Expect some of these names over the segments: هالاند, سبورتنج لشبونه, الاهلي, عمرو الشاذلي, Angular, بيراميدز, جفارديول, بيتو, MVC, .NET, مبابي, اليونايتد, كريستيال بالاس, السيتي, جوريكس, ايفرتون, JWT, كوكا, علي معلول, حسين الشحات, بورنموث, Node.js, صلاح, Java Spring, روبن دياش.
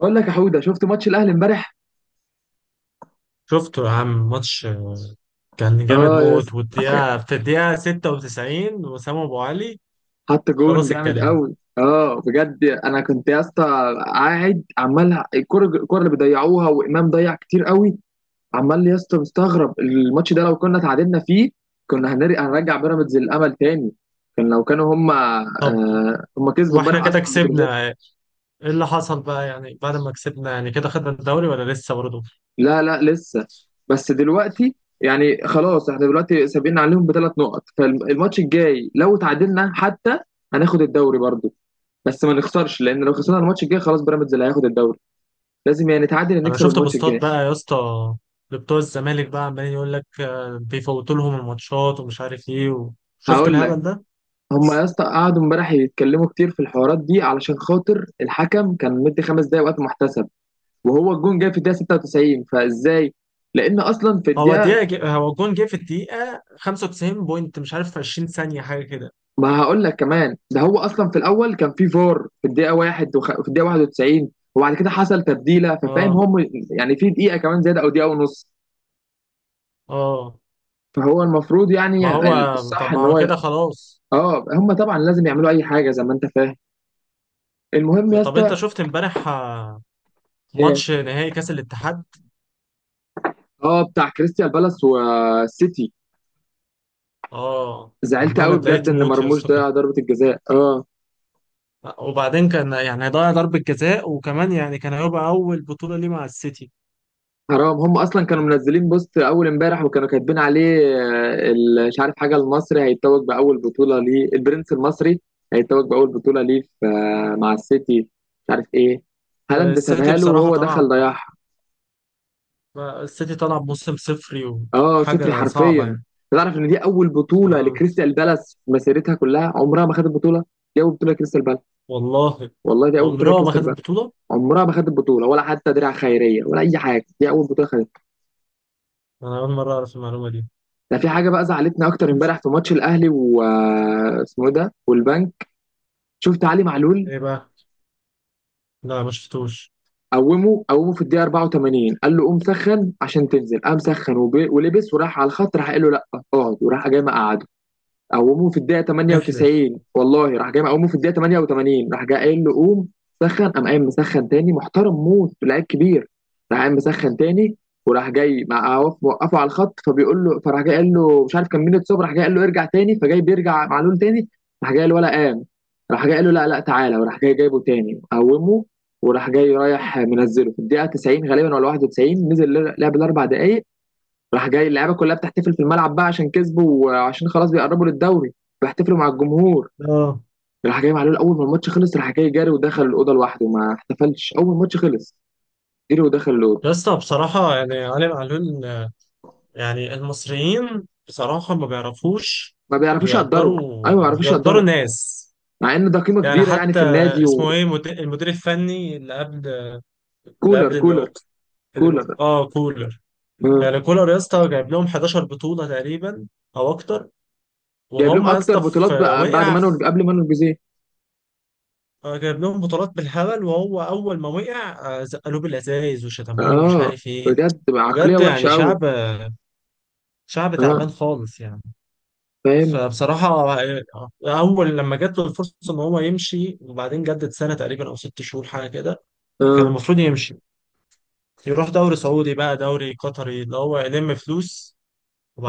بقول لك يا حوده، شفت ماتش الاهلي امبارح. شفته يا عم ماتش كان جامد اه يا موت اسطى، في الدقيقة 96 وسام أبو علي. حط جون خلاص جامد الكلام. قوي. اه بجد انا كنت يا اسطى قاعد عمال الكره، الكره اللي بيضيعوها، وامام ضيع كتير قوي. عمال يا اسطى مستغرب الماتش ده، لو كنا تعادلنا فيه كنا هنرجع بيراميدز للامل تاني. كان لو كانوا هم طب، هم كسبوا واحنا امبارح كده اصلا بتروجيت. كسبنا ايه؟ اللي حصل بقى يعني بعد ما كسبنا، يعني كده خدنا الدوري ولا لسه برضه؟ لا، لا لسه، بس دلوقتي يعني خلاص احنا دلوقتي سابقين عليهم بثلاث نقط، فالماتش الجاي لو تعادلنا حتى هناخد الدوري برضه، بس ما نخسرش، لان لو خسرنا الماتش الجاي خلاص بيراميدز اللي هياخد الدوري، لازم يعني نتعادل، أنا نكسب شفت الماتش بوستات الجاي. بقى يا اسطى لبتوع الزمالك، بقى عمالين يقول لك بيفوتوا لهم الماتشات ومش عارف ايه. وشفت هقول لك، الهبل ده؟ هم يا بس. اسطى قعدوا امبارح يتكلموا كتير في الحوارات دي علشان خاطر الحكم كان مدي خمس دقايق وقت محتسب، وهو الجون جاي في الدقيقه 96، فازاي؟ لان اصلا في الدقيقه، هو الجون جه في الدقيقة 95 بوينت مش عارف، في 20 ثانية حاجة كده. ما هقول لك كمان، ده هو اصلا في الاول كان في فار في الدقيقه واحد في الدقيقه 91، وبعد كده حصل تبديله، ففاهم اه هم يعني في دقيقه كمان زياده او دقيقه ونص، اه فهو المفروض ما يعني هو، طب الصح ما ان هو هو، كده خلاص. اه هم طبعا لازم يعملوا اي حاجه زي ما انت فاهم. المهم يا طب انت اسطى. شفت امبارح ايه، ماتش نهائي كاس الاتحاد؟ اه بتاع كريستيال بالاس والسيتي. اه زعلت والله انا قوي بجد اتضايقت ان موت يا مرموش اسطى كنت، ضيع ضربه الجزاء اه. وبعدين كان يعني هيضيع ضربة جزاء، وكمان يعني كان هيبقى اول بطولة ليه مع السيتي. حرام، هم اصلا كانوا منزلين بوست اول امبارح وكانوا كاتبين عليه مش عارف حاجه، المصري هيتوج باول بطوله ليه، البرنس المصري هيتوج باول بطوله ليه مع السيتي، مش عارف ايه. هالاند السيتي سابها له بصراحة وهو طلع دخل ضيعها. السيتي طلع بموسم صفري. اه صفري وحاجة صعبة حرفيا. يعني. تعرف ان دي اول بطوله ف- لكريستال بالاس في مسيرتها كلها، عمرها ما خدت بطوله. دي اول بطوله لكريستال بالاس. والله والله دي اول بطوله عمره ما لكريستال خد بالاس. البطولة. عمرها ما خدت بطوله ولا حتى درع خيريه ولا اي حاجه، دي اول بطوله خدتها. انا اول مرة اعرف المعلومة دي. ده في حاجه بقى زعلتنا اكتر امبارح في ماتش الاهلي و اسمه إيه ده، والبنك. شفت علي معلول، ايه بقى؟ لا، ما شفتوش. قومه في الدقيقه 84، قال له قوم سخن عشان تنزل، قام سخن ولبس وراح على الخط، راح قال له لا اقعد، وراح جاي مقعده. قوموه في الدقيقة احلف. 98، والله راح جاي مقوموه في الدقيقة 88، راح جاي قايل له قوم سخن، قام قايم مسخن تاني، محترم موت، لعيب كبير. راح قايم مسخن تاني، وراح جاي مع وقفه على الخط، فبيقول له، فراح جاي قال له مش عارف كان مين اتصاب، راح جاي قال له ارجع تاني، فجاي بيرجع معلول تاني، راح جاي قال ولا قام، راح جاي قال له لا، لا تعالى، وراح جاي جايبه تاني قومه. وراح جاي رايح منزله في الدقيقة 90 غالبا ولا 91، نزل لعب الأربع دقايق. راح جاي اللعيبه كلها بتحتفل في الملعب بقى عشان كسبوا، وعشان خلاص بيقربوا للدوري، بيحتفلوا مع الجمهور. اه راح جاي معلول اول ما الماتش خلص، راح جاي جاري ودخل الاوضه لوحده، ما احتفلش اول ما الماتش خلص، جري ودخل الاوضه. يا اسطى بصراحة يعني علي معلول، يعني المصريين بصراحة ما بيعرفوش ما بيعرفوش يقدروا. ايوه، ما يقدروا، بيعرفوش يقدروا يقدروا، الناس. مع ان ده قيمه يعني كبيره يعني حتى في النادي. اسمه ايه المدير الفني اللي قبل، وكولر، اللي كولر هو كولر اه، كولر. آه. يعني كولر يا اسطى جايب لهم 11 بطولة تقريبا او اكتر. جايب لهم وهم يا اكتر اسطى بطولات بقى بعد مانويل، قبل مانويل جوزيه. جايب لهم بطولات بالهبل. وهو اول ما وقع زقلوه بالازايز وشتموه ومش اه، عارف ايه. بجد عقليه بجد وحشه يعني قوي. شعب، شعب اه تعبان خالص يعني. فاهم. فبصراحة أول لما جات له الفرصة إن هو يمشي، وبعدين جدد سنة تقريبا أو 6 شهور حاجة كده. كان اه المفروض يمشي، يروح دوري سعودي بقى، دوري قطري، اللي هو يلم فلوس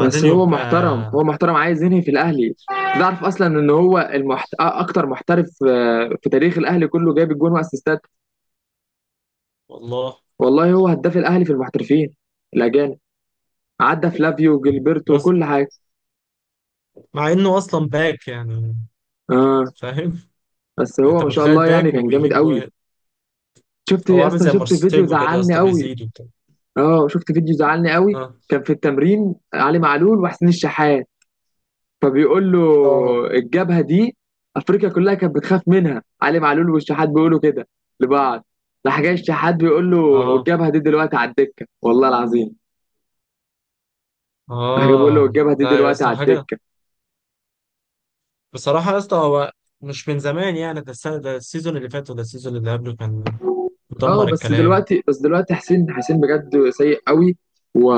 بس هو يبقى. محترم، هو عايز ينهي في الاهلي. تعرف اصلا ان هو اكتر محترف في تاريخ الاهلي كله جايب الجون واسيستات. والله والله هو هداف الاهلي في المحترفين الاجانب، عدى فلافيو وجilberto بس، وكل حاجه. مع إنه أصلا باك يعني، اه، فاهم. بس هو أنت ما شاء متخيل الله يعني باك كان جامد وبيجيب قوي. جوان؟ شفت هو يا عامل اسطى، زي شفت فيديو مارسيلو كده يا زعلني اسطى، قوي. بيزيد وبتاع. اه شفت فيديو زعلني قوي. آه كان في التمرين علي معلول وحسين الشحات، فبيقول له آه الجبهه دي، افريقيا كلها كانت بتخاف منها، علي معلول والشحات بيقولوا كده لبعض. راح جاي الشحات بيقول له، آه والجبهه دي دلوقتي على الدكه، والله العظيم راح جاي بيقول له والجبهه دي لا يا دلوقتي اسطى، على حاجة الدكه. بصراحة يا اسطى. هو مش من زمان يعني، ده السنة، ده السيزون اللي فات، وده السيزون اللي قبله كان مدمر اه بس الكلام. دلوقتي، بس دلوقتي حسين، حسين بجد سيء قوي، و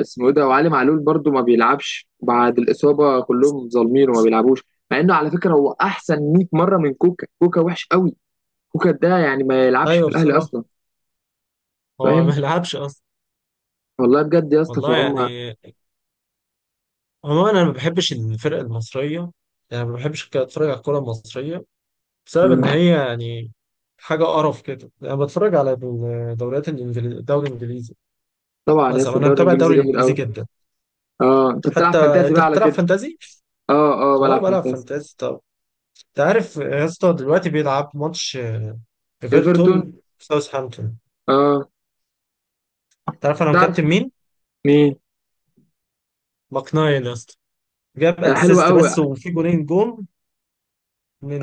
اسمه إيه ده، وعلي معلول برضو ما بيلعبش بعد الاصابه، كلهم ظالمين وما بيلعبوش، مع انه على فكره هو احسن 100 مره من كوكا. كوكا وحش قوي، كوكا ده يعني ما يلعبش أيوه في الاهلي بصراحة، اصلا، هو ما فاهم. لعبش أصلا. والله بجد يا اسطى والله فهم يعني، عموما أنا ما بحبش الفرق المصرية، يعني ما بحبش كده أتفرج على الكورة المصرية بسبب إن هي يعني حاجة قرف كده. أنا بتفرج على الدوري الإنجليزي طبعا يا مثلا. اسطى أنا الدوري متابع الانجليزي الدوري جامد الإنجليزي قوي. جدا اه انت حتى. بتلعب فانتازي أنت بقى على بتلعب كده. فانتازي؟ اه أه، بلعب بلعب فانتازي. فانتازي. طب، أنت عارف يا اسطى دلوقتي بيلعب ماتش ايفرتون. إيفرتون ساوثهامبتون؟ اه تعرف انا تعرف مكابتن مين؟ مين؟ مقنعي يا اسطى، جاب آه، حلو اسيست قوي. بس وفي جولين جون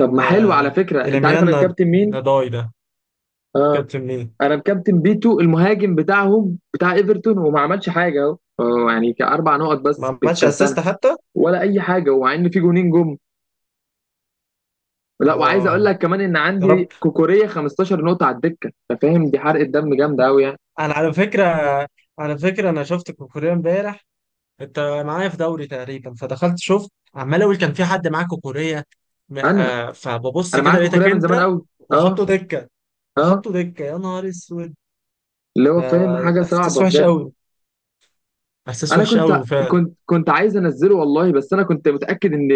طب ما حلو، على فكره انت عارف إليميان انا مكابتن مين؟ نداي ده. اه كابتن مين؟ انا مكابتن بيتو المهاجم بتاعهم، بتاع ايفرتون، وما عملش حاجه اهو، يعني كاربع نقط بس ما عملش بالكابتنه. اسيست حتى؟ ولا اي حاجه، ومع ان في جونين جم. لا، وعايز اقول اه لك كمان ان يا رب. عندي كوكوريه 15 نقطه على الدكه، انت فاهم دي حرقه دم جامده قوي يعني. انا على فكره، انا شفت كوكوريا امبارح. انت معايا في دوري تقريبا، فدخلت شفت، عمال اقول كان في حد معاه كوكوريا انا فببص انا كده معاك في لقيتك كوريا من زمان انت. قوي. اه، وحطه دكه، اه. وحطه دكه يا نهار اسود. اللي هو فاهم، حاجه ده احساس صعبه وحش بجد. قوي، احساس انا وحش قوي. كنت عايز انزله والله، بس انا كنت متاكد ان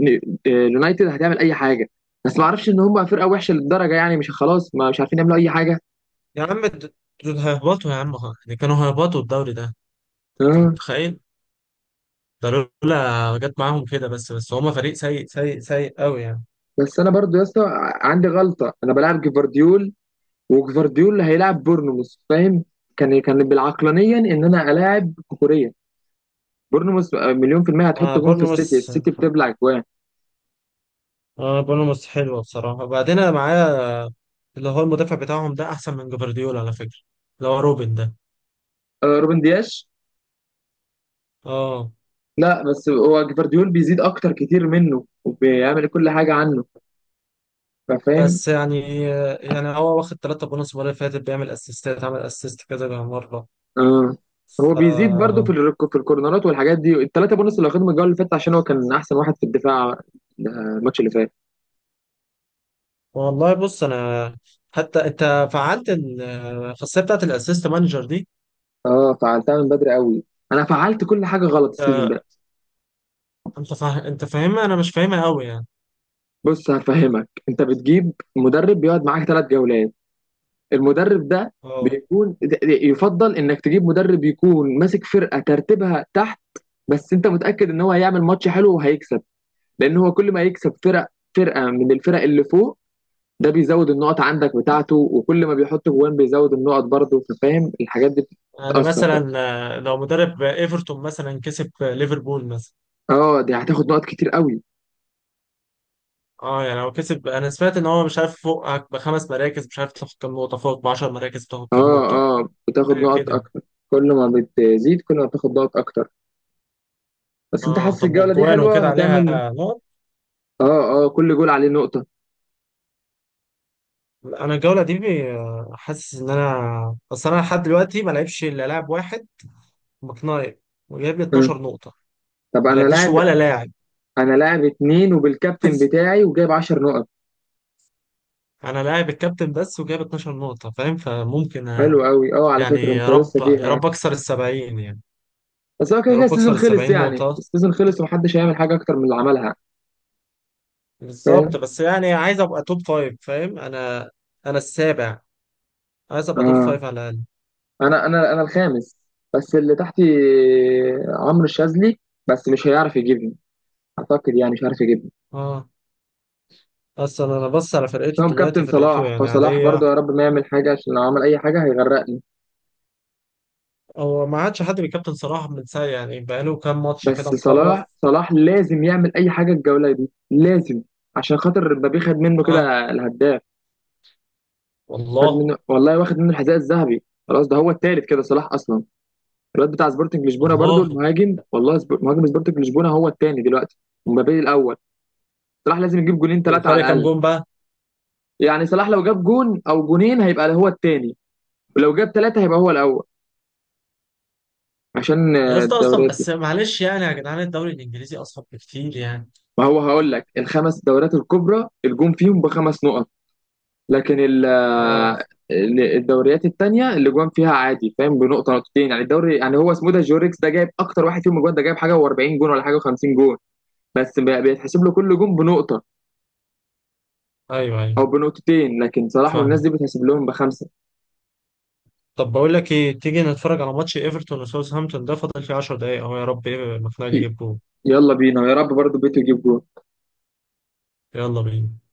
إن اليونايتد هتعمل اي حاجه، بس ما اعرفش ان هم فرقه وحشه للدرجه، يعني مش خلاص، ما مش عارفين يعملوا اي حاجه. يا عم دول هيهبطوا يا عم، يعني كانوا هيهبطوا الدوري ده. انت اه، متخيل؟ ده لولا جت معاهم كده، بس هما فريق سيء سيء سيء قوي يعني. بس انا برضو يا اسطى عندي غلطه، انا بلعب جفارديول، وجفارديول هيلاعب بورنموث، فاهم. كان كان بالعقلانيا ان انا الاعب كوريا، بورنموث مليون في المية هتحط ما جون في بورنموث، السيتي، السيتي بتبلع جوان. آه بورنموث حلوه بصراحه. وبعدين انا معايا اللي هو المدافع بتاعهم، ده احسن من جفارديول على فكره، اللي هو روبن ده. آه، روبن دياش. اه لا بس هو جفارديول بيزيد اكتر كتير منه وبيعمل كل حاجه عنه، فاهم. بس يعني، هو واخد ثلاثة بونص المره اللي فاتت، بيعمل اسيستات، عمل اسيست كذا مره. اه هو بيزيد برضه ف، في في الكورنرات والحاجات دي، الثلاثه بونص اللي واخدهم الجوله اللي فاتت، عشان هو كان احسن واحد في الدفاع، الماتش اللي فات. والله بص انا، حتى انت فعلت الخاصيه بتاعت الاسيست مانجر دي. اه فعلتها من بدري قوي، انا فعلت كل حاجه غلط السيزون آه، ده. انت فاهمها، انا مش فاهمها قوي يعني. بص هفهمك، انت بتجيب مدرب بيقعد معاك ثلاث جولات، المدرب ده اه بيكون يفضل انك تجيب مدرب يكون ماسك فرقه ترتيبها تحت، بس انت متاكد ان هو هيعمل ماتش حلو وهيكسب، لان هو كل ما يكسب فرق، فرقه من الفرق اللي فوق، ده بيزود النقط عندك بتاعته، وكل ما بيحط جوان بيزود النقط برضه، فاهم الحاجات دي يعني بتتاثر بقى. مثلا لو مدرب ايفرتون مثلا كسب ليفربول مثلا. اه دي هتاخد نقط كتير قوي. اه يعني لو كسب، انا سمعت ان هو مش عارف فوقك بخمس مراكز مش عارف تاخد كام نقطه، فوق ب 10 مراكز بتاخد كام اه، نقطه اه بتاخد حاجه نقط كده. اكتر، كل ما بتزيد كل ما بتاخد نقط اكتر، بس انت اه حاسس طب، الجوله دي والجوان حلوه وكده عليها هتعمل. نقط. اه اه كل جول عليه نقطه. لا، انا الجوله دي حاسس ان انا، بس انا لحد دلوقتي ما لعبش الا لاعب واحد، مكناير، وجايب لي آه. 12 نقطه. طب ما انا لعبليش لاعب، ولا لاعب. انا لاعب اتنين وبالكابتن بتاعي وجايب 10 نقط. انا لاعب الكابتن بس وجايب 12 نقطة، فاهم، فممكن حلو قوي، اه على يعني فكره انت يا رب، لسه فيها يا يعني. رب اكسر السبعين يعني. بس هو كده يا كده رب السيزون اكسر خلص، السبعين يعني نقطة السيزون خلص ومحدش هيعمل حاجه اكتر من اللي عملها. بالظبط. فاهم. بس يعني عايز ابقى توب فايف فاهم. انا السابع، عايز ابقى توب اه فايف على الاقل. انا الخامس، بس اللي تحتي عمرو الشاذلي، بس مش هيعرف يجيبني، اعتقد يعني مش هيعرف يجيبني. اه اصلا انا بص على فرقته هم دلوقتي، كابتن فرقته صلاح، يعني فصلاح عادية. برضه يا رب ما يعمل حاجه، عشان لو عمل اي حاجه هيغرقني. هو ما عادش حد بيكابتن صراحة من ساعة، يعني بقاله كام ماتش بس كده مخرف. صلاح لازم يعمل اي حاجه الجوله دي، لازم، عشان خاطر مبابي خد منه اه كده الهداف. خد والله، منه والله، واخد منه الحذاء الذهبي خلاص، ده هو التالت كده صلاح اصلا. الواد بتاع سبورتنج لشبونه برضو، والله المهاجم، والله مهاجم سبورتنج لشبونه هو الثاني دلوقتي، ومبابي الاول. صلاح لازم يجيب جولين ثلاثه على وفرق كام الاقل، جون بقى؟ يعني صلاح لو جاب جون او جونين هيبقى هو الثاني، ولو جاب ثلاثه هيبقى هو الاول، عشان يا اسطى اصلا الدوريات دي. بس معلش يعني يا جدعان الدوري الانجليزي اصعب بكتير يعني. ما هو هقول لك، الخمس دوريات الكبرى الجون فيهم بخمس نقط، لكن اه الدوريات الثانيه اللي جوان فيها عادي، فاهم، بنقطه نقطتين، يعني الدوري يعني هو اسمه ده جوريكس، ده جايب اكتر واحد فيهم جوان، ده جايب حاجه و40 جون ولا حاجه و50 جون، بس بيتحسب له كل جون بنقطه ايوه، ايوه او بنقطتين، لكن صلاح والناس فاهم. دي بتحسب لهم بخمسه. طب، بقول لك ايه، تيجي نتفرج على ماتش ايفرتون وساوثهامبتون ده، فاضل فيه 10 دقايق اهو، يا رب ايه المقنعه يجيب جول. يلا بينا، يا رب برضو بيتو يجيب جول. يلا بينا.